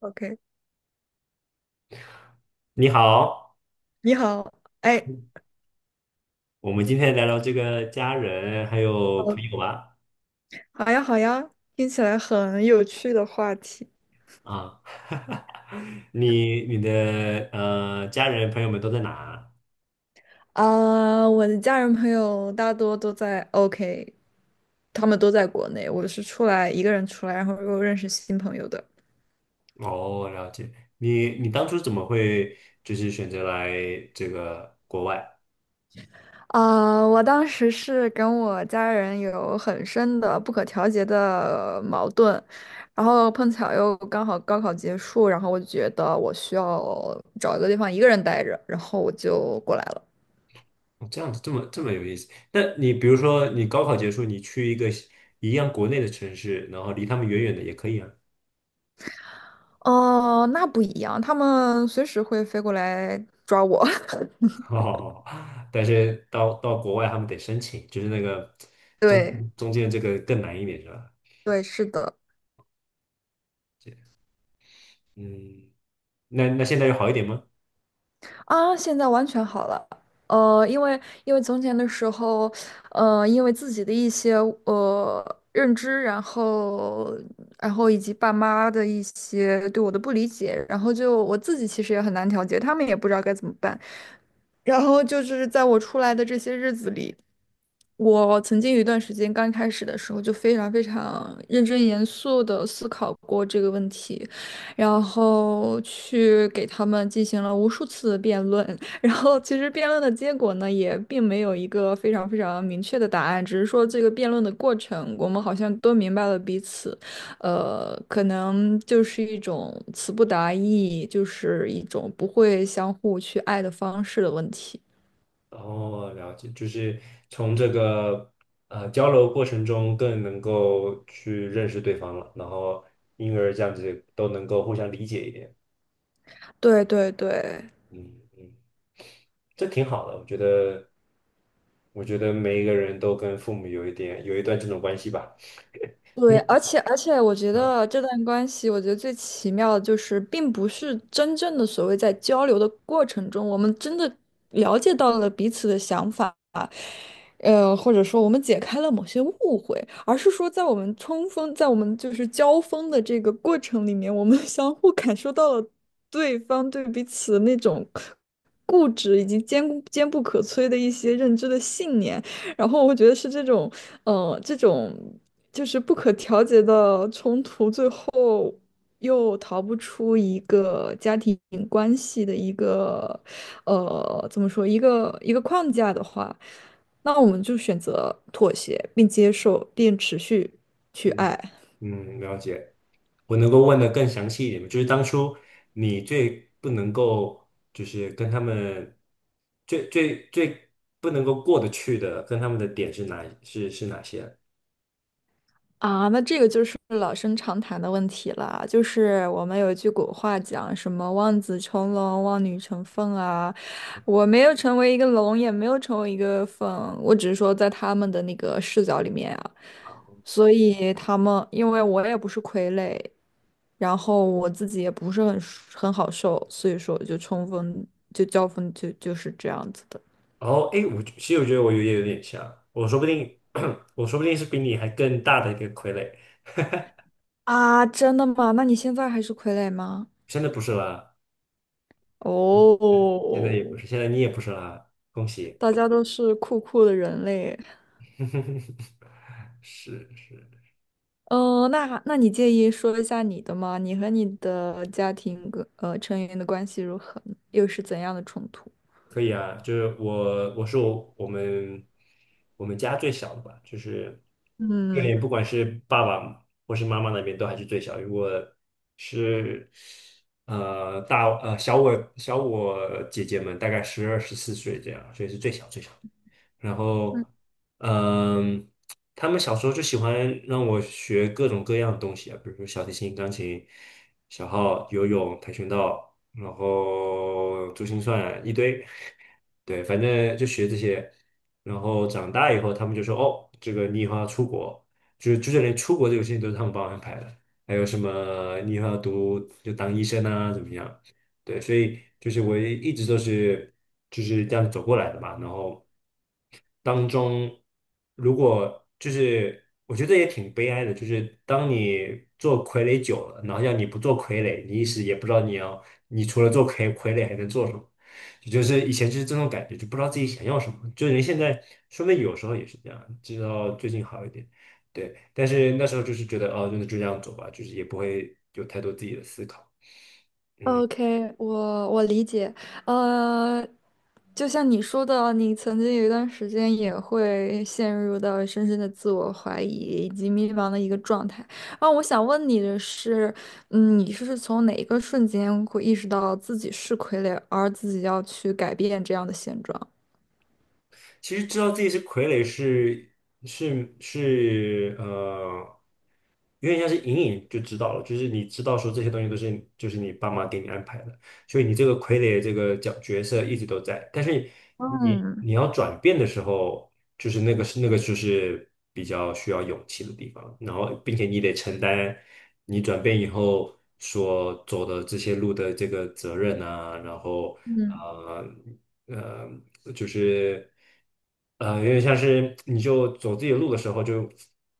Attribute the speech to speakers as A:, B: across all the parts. A: OK，
B: 你好，
A: 你好，哎，
B: 我们今天聊聊这个家人还有朋
A: 哦，
B: 友吧。
A: 好呀，好呀，听起来很有趣的话题。
B: 啊，你的家人朋友们都在哪？
A: 啊，我的家人朋友大多都在 OK，他们都在国内，我是出来一个人出来，然后又认识新朋友的。
B: 哦，了解。你当初怎么会就是选择来这个国外？
A: 啊，我当时是跟我家人有很深的不可调节的矛盾，然后碰巧又刚好高考结束，然后我就觉得我需要找一个地方一个人待着，然后我就过来了。
B: 哦这样子这么有意思。那你比如说你高考结束，你去一个一样国内的城市，然后离他们远远的也可以啊。
A: 哦，那不一样，他们随时会飞过来抓我。
B: 哦，但是到国外他们得申请，就是那个中
A: 对
B: 中间这个更难一点是吧？
A: 对，是的。
B: 解，嗯，那那现在有好一点吗？
A: 啊，现在完全好了。因为从前的时候，因为自己的一些认知，然后以及爸妈的一些对我的不理解，然后就我自己其实也很难调节，他们也不知道该怎么办。然后就是在我出来的这些日子里，我曾经有一段时间，刚开始的时候就非常非常认真严肃的思考过这个问题，然后去给他们进行了无数次的辩论，然后其实辩论的结果呢，也并没有一个非常非常明确的答案，只是说这个辩论的过程，我们好像都明白了彼此，可能就是一种词不达意，就是一种不会相互去爱的方式的问题。
B: 哦，了解，就是从这个交流过程中更能够去认识对方了，然后因而这样子都能够互相理解一点，
A: 对对对。
B: 嗯嗯，这挺好的，我觉得，我觉得每一个人都跟父母有一段这种关系吧，
A: 对，
B: 你
A: 而且，我觉
B: 啊，
A: 得这段关系，我觉得最奇妙的就是，并不是真正的所谓在交流的过程中，我们真的了解到了彼此的想法，或者说我们解开了某些误会，而是说在我们冲锋，在我们就是交锋的这个过程里面，我们 相互感受到了对方对彼此的那种固执以及坚固坚不可摧的一些认知的信念，然后我觉得是这种，这种就是不可调节的冲突，最后又逃不出一个家庭关系的一个，怎么说，一个框架的话。那我们就选择妥协，并接受，并持续去
B: 嗯
A: 爱。
B: 嗯，了解。我能够问的更详细一点吗，就是当初你最不能够，就是跟他们最不能够过得去的，跟他们的点是哪是是哪些？
A: 啊，那这个就是老生常谈的问题了，就是我们有一句古话讲什么“望子成龙，望女成凤”啊。我没有成为一个龙，也没有成为一个凤，我只是说在他们的那个视角里面啊，所以他们因为我也不是傀儡，然后我自己也不是很好受，所以说我就冲锋，就交锋，就是这样子的。
B: 然后，哎，我其实我觉得我有点像，我说不定 我说不定是比你还更大的一个傀儡，
A: 啊，真的吗？那你现在还是傀儡吗？
B: 现在不是啦，嗯，现在也
A: 哦，
B: 不是，现在你也不是啦，恭喜，
A: 大家都是酷酷的人类。
B: 是是。
A: 嗯，那你介意说一下你的吗？你和你的家庭成员的关系如何呢又是怎样的冲突？
B: 可以啊，就是我，我我们家最小的吧，就是
A: 嗯，
B: 对，不管是爸爸或是妈妈那边都还是最小。如果是小我姐姐们，大概12到14岁这样，所以是最小。然后，嗯，他们小时候就喜欢让我学各种各样的东西啊，比如说小提琴、钢琴、小号、游泳、跆拳道，然后珠心算一堆，对，反正就学这些。然后长大以后，他们就说：“哦，这个你以后要出国，就是连出国这个事情都是他们帮我安排的。还有什么你以后要读就当医生啊，怎么样？对，所以就是我一直都是就是这样走过来的嘛，然后。”当中，如果就是我觉得也挺悲哀的，就是当你做傀儡久了，然后要你不做傀儡，你一时也不知道你要，你除了做傀儡还能做什么。也就是以前就是这种感觉，就不知道自己想要什么。就人现在，说不定有时候也是这样，直到最近好一点。对，但是那时候就是觉得，哦，那就这样走吧，就是也不会有太多自己的思考。嗯，
A: OK，我理解，呃，就像你说的啊，你曾经有一段时间也会陷入到深深的自我怀疑以及迷茫的一个状态。啊，我想问你的是，嗯，你是从哪一个瞬间会意识到自己是傀儡，而自己要去改变这样的现状？
B: 其实知道自己是傀儡是有点像是隐隐就知道了，就是你知道说这些东西都是就是你爸妈给你安排的。所以你这个傀儡这个角色一直都在，但是你
A: 嗯
B: 你要转变的时候，就是那个是那个就是比较需要勇气的地方，然后并且你得承担你转变以后所走的这些路的这个责任啊，然后
A: 嗯。嗯
B: 呃就是有点像是你就走自己的路的时候就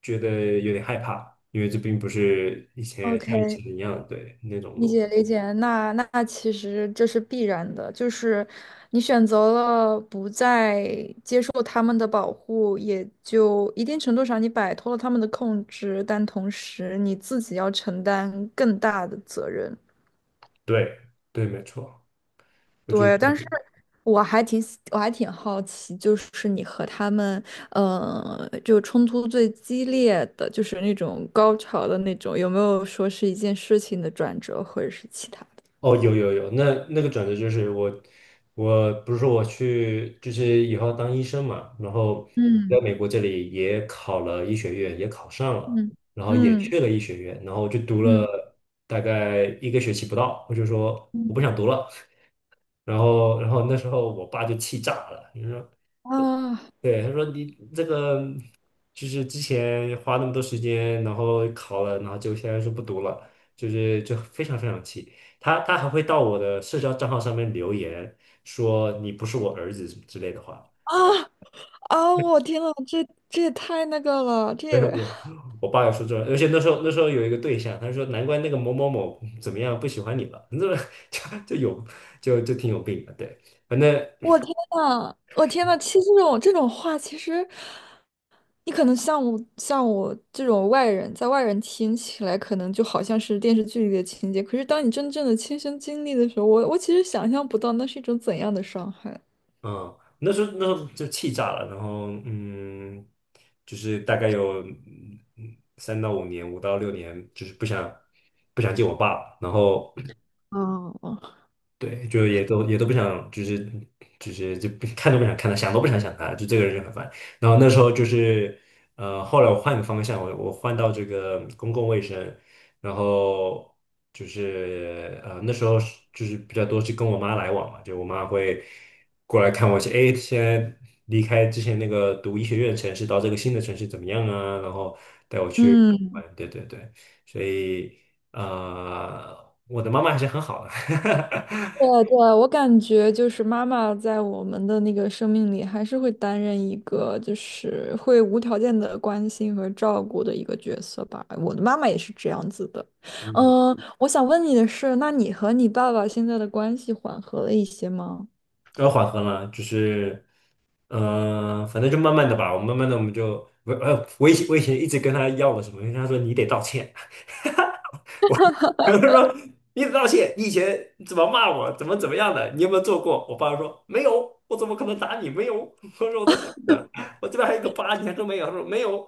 B: 觉得有点害怕，因为这并不是以前像以
A: ，OK。
B: 前一样对那种
A: 理
B: 路。
A: 解理解，那其实这是必然的，就是你选择了不再接受他们的保护，也就一定程度上你摆脱了他们的控制，但同时你自己要承担更大的责任。
B: 对对，没错，我觉
A: 对，
B: 得
A: 但是我还挺好奇，就是你和他们，就冲突最激烈的，就是那种高潮的那种，有没有说是一件事情的转折，或者是其他的？
B: 哦，有，那那个转折就是我，我不是说我去，就是以后要当医生嘛，然后我在
A: 嗯
B: 美国这里也考了医学院，也考上了，
A: 嗯。
B: 然后也
A: 嗯，
B: 去了医学院，然后就读
A: 嗯
B: 了大概一个学期不到，我就说我
A: 嗯，
B: 不想读了，然后那时候我爸就气炸了，说。
A: 啊，
B: 对，他说你这个就是之前花那么多时间，然后考了，然后就现在说不读了，就非常非常气。他还会到我的社交账号上面留言说你不是我儿子之类的话。
A: 啊，啊！我天呐，这也太那个了，
B: 对，我爸也说这，而且那时候有一个对象，他说难怪那个某某某怎么样不喜欢你了，你怎么 就就有挺有病的。对，反正
A: 我天呐，我天呐！其实这种话，其实你可能像我这种外人，在外人听起来，可能就好像是电视剧里的情节。可是当你真正的亲身经历的时候，我其实想象不到那是一种怎样的伤害。
B: 嗯，那时候就气炸了，然后嗯，就是大概有嗯3到5年，5到6年，就是不想见我爸，然后
A: 哦哦。
B: 对，就也都不想，就是就不看都不想看他，想都不想想他，就这个人就很烦。然后那时候就是，呃，后来我换个方向，我换到这个公共卫生，然后就是那时候是就是比较多是跟我妈来往嘛，就我妈会过来看我一些，哎，现在离开之前那个读医学院的城市，到这个新的城市怎么样啊？然后带我去
A: 嗯。
B: 玩，对对对，所以。呃，我的妈妈还是很好的，
A: 对对，我感觉就是妈妈在我们的那个生命里，还是会担任一个就是会无条件的关心和照顾的一个角色吧。我的妈妈也是这样子的。
B: 嗯，
A: 嗯，我想问你的是，那你和你爸爸现在的关系缓和了一些吗？
B: 要缓和了，就是，嗯、反正就慢慢的吧，我慢慢的我们就，我以前一直跟他要我什么，因为他说你得道歉，我我就说你得道歉，你以前怎么骂我，怎么样的，你有没有做过？我爸说没有，我怎么可能打你？没有，我说我都记得，我这边还有个疤，你还说没有？他说没有，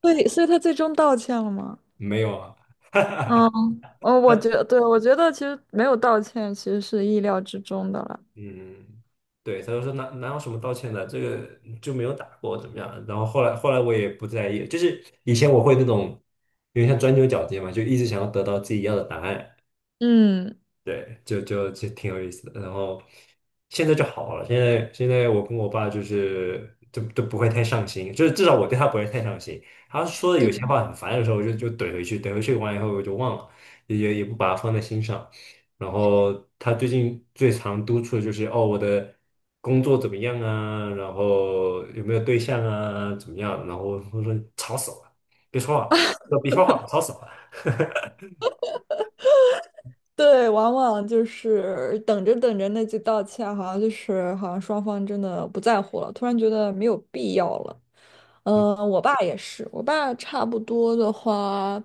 A: 对，所以他最终道歉了吗？
B: 没有啊。
A: 嗯，哦，我觉得，对，我觉得其实没有道歉，其实是意料之中的了。
B: 嗯，对，他就说哪有什么道歉的，这个就没有打过怎么样？然后后来我也不在意，就是以前我会那种有点像钻牛角尖嘛，就一直想要得到自己要的答案，
A: 嗯，
B: 对，就挺有意思的。然后现在就好了，现在我跟我爸就是都不会太上心，就是至少我对他不会太上心。他说的有些
A: 对。
B: 话很烦的时候，我就怼回去，怼回去完以后我就忘了，也不把它放在心上。然后他最近最常督促的就是哦，我的工作怎么样啊？然后有没有对象啊？怎么样？然后我说吵死了，别说话，别说话，吵死了。
A: 对，往往就是等着等着，那句道歉好像就是好像双方真的不在乎了，突然觉得没有必要了。嗯，我爸也是，我爸差不多的话，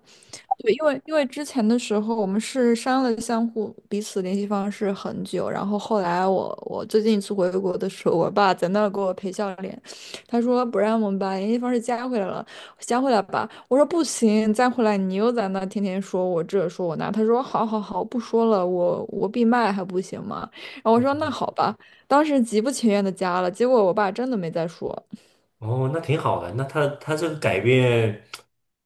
A: 对，因为之前的时候我们是删了相互彼此联系方式很久，然后后来我最近一次回国的时候，我爸在那儿给我赔笑脸，他说不让我们把联系方式加回来了，先回来吧。我说不行，再回来你又在那天天说我这说我那。他说好好好，不说了，我闭麦还不行吗？然后我说那好吧。当时极不情愿的加了，结果我爸真的没再说。
B: 哦，那挺好的。那他这个改变，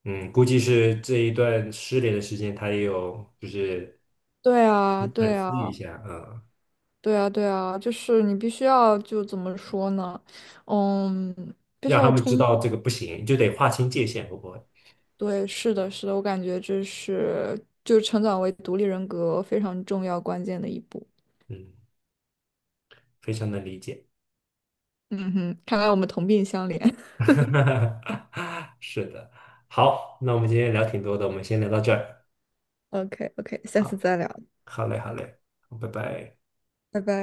B: 嗯，估计是这一段失联的时间，他也有就是
A: 对啊，
B: 反
A: 对啊，
B: 思一下，嗯，
A: 对啊，对啊，就是你必须要就怎么说呢？嗯，
B: 让他们知道这个不行，就得划清界限，会不会？
A: 对，是的，是的，我感觉这是就成长为独立人格非常重要关键的一步。
B: 嗯，非常能理解。
A: 嗯哼，看来我们同病相怜。
B: 是的，好，那我们今天聊挺多的，我们先聊到这儿。
A: O K O K 下次
B: 好，
A: 再聊，
B: 好嘞，好嘞，好拜拜。
A: 拜拜。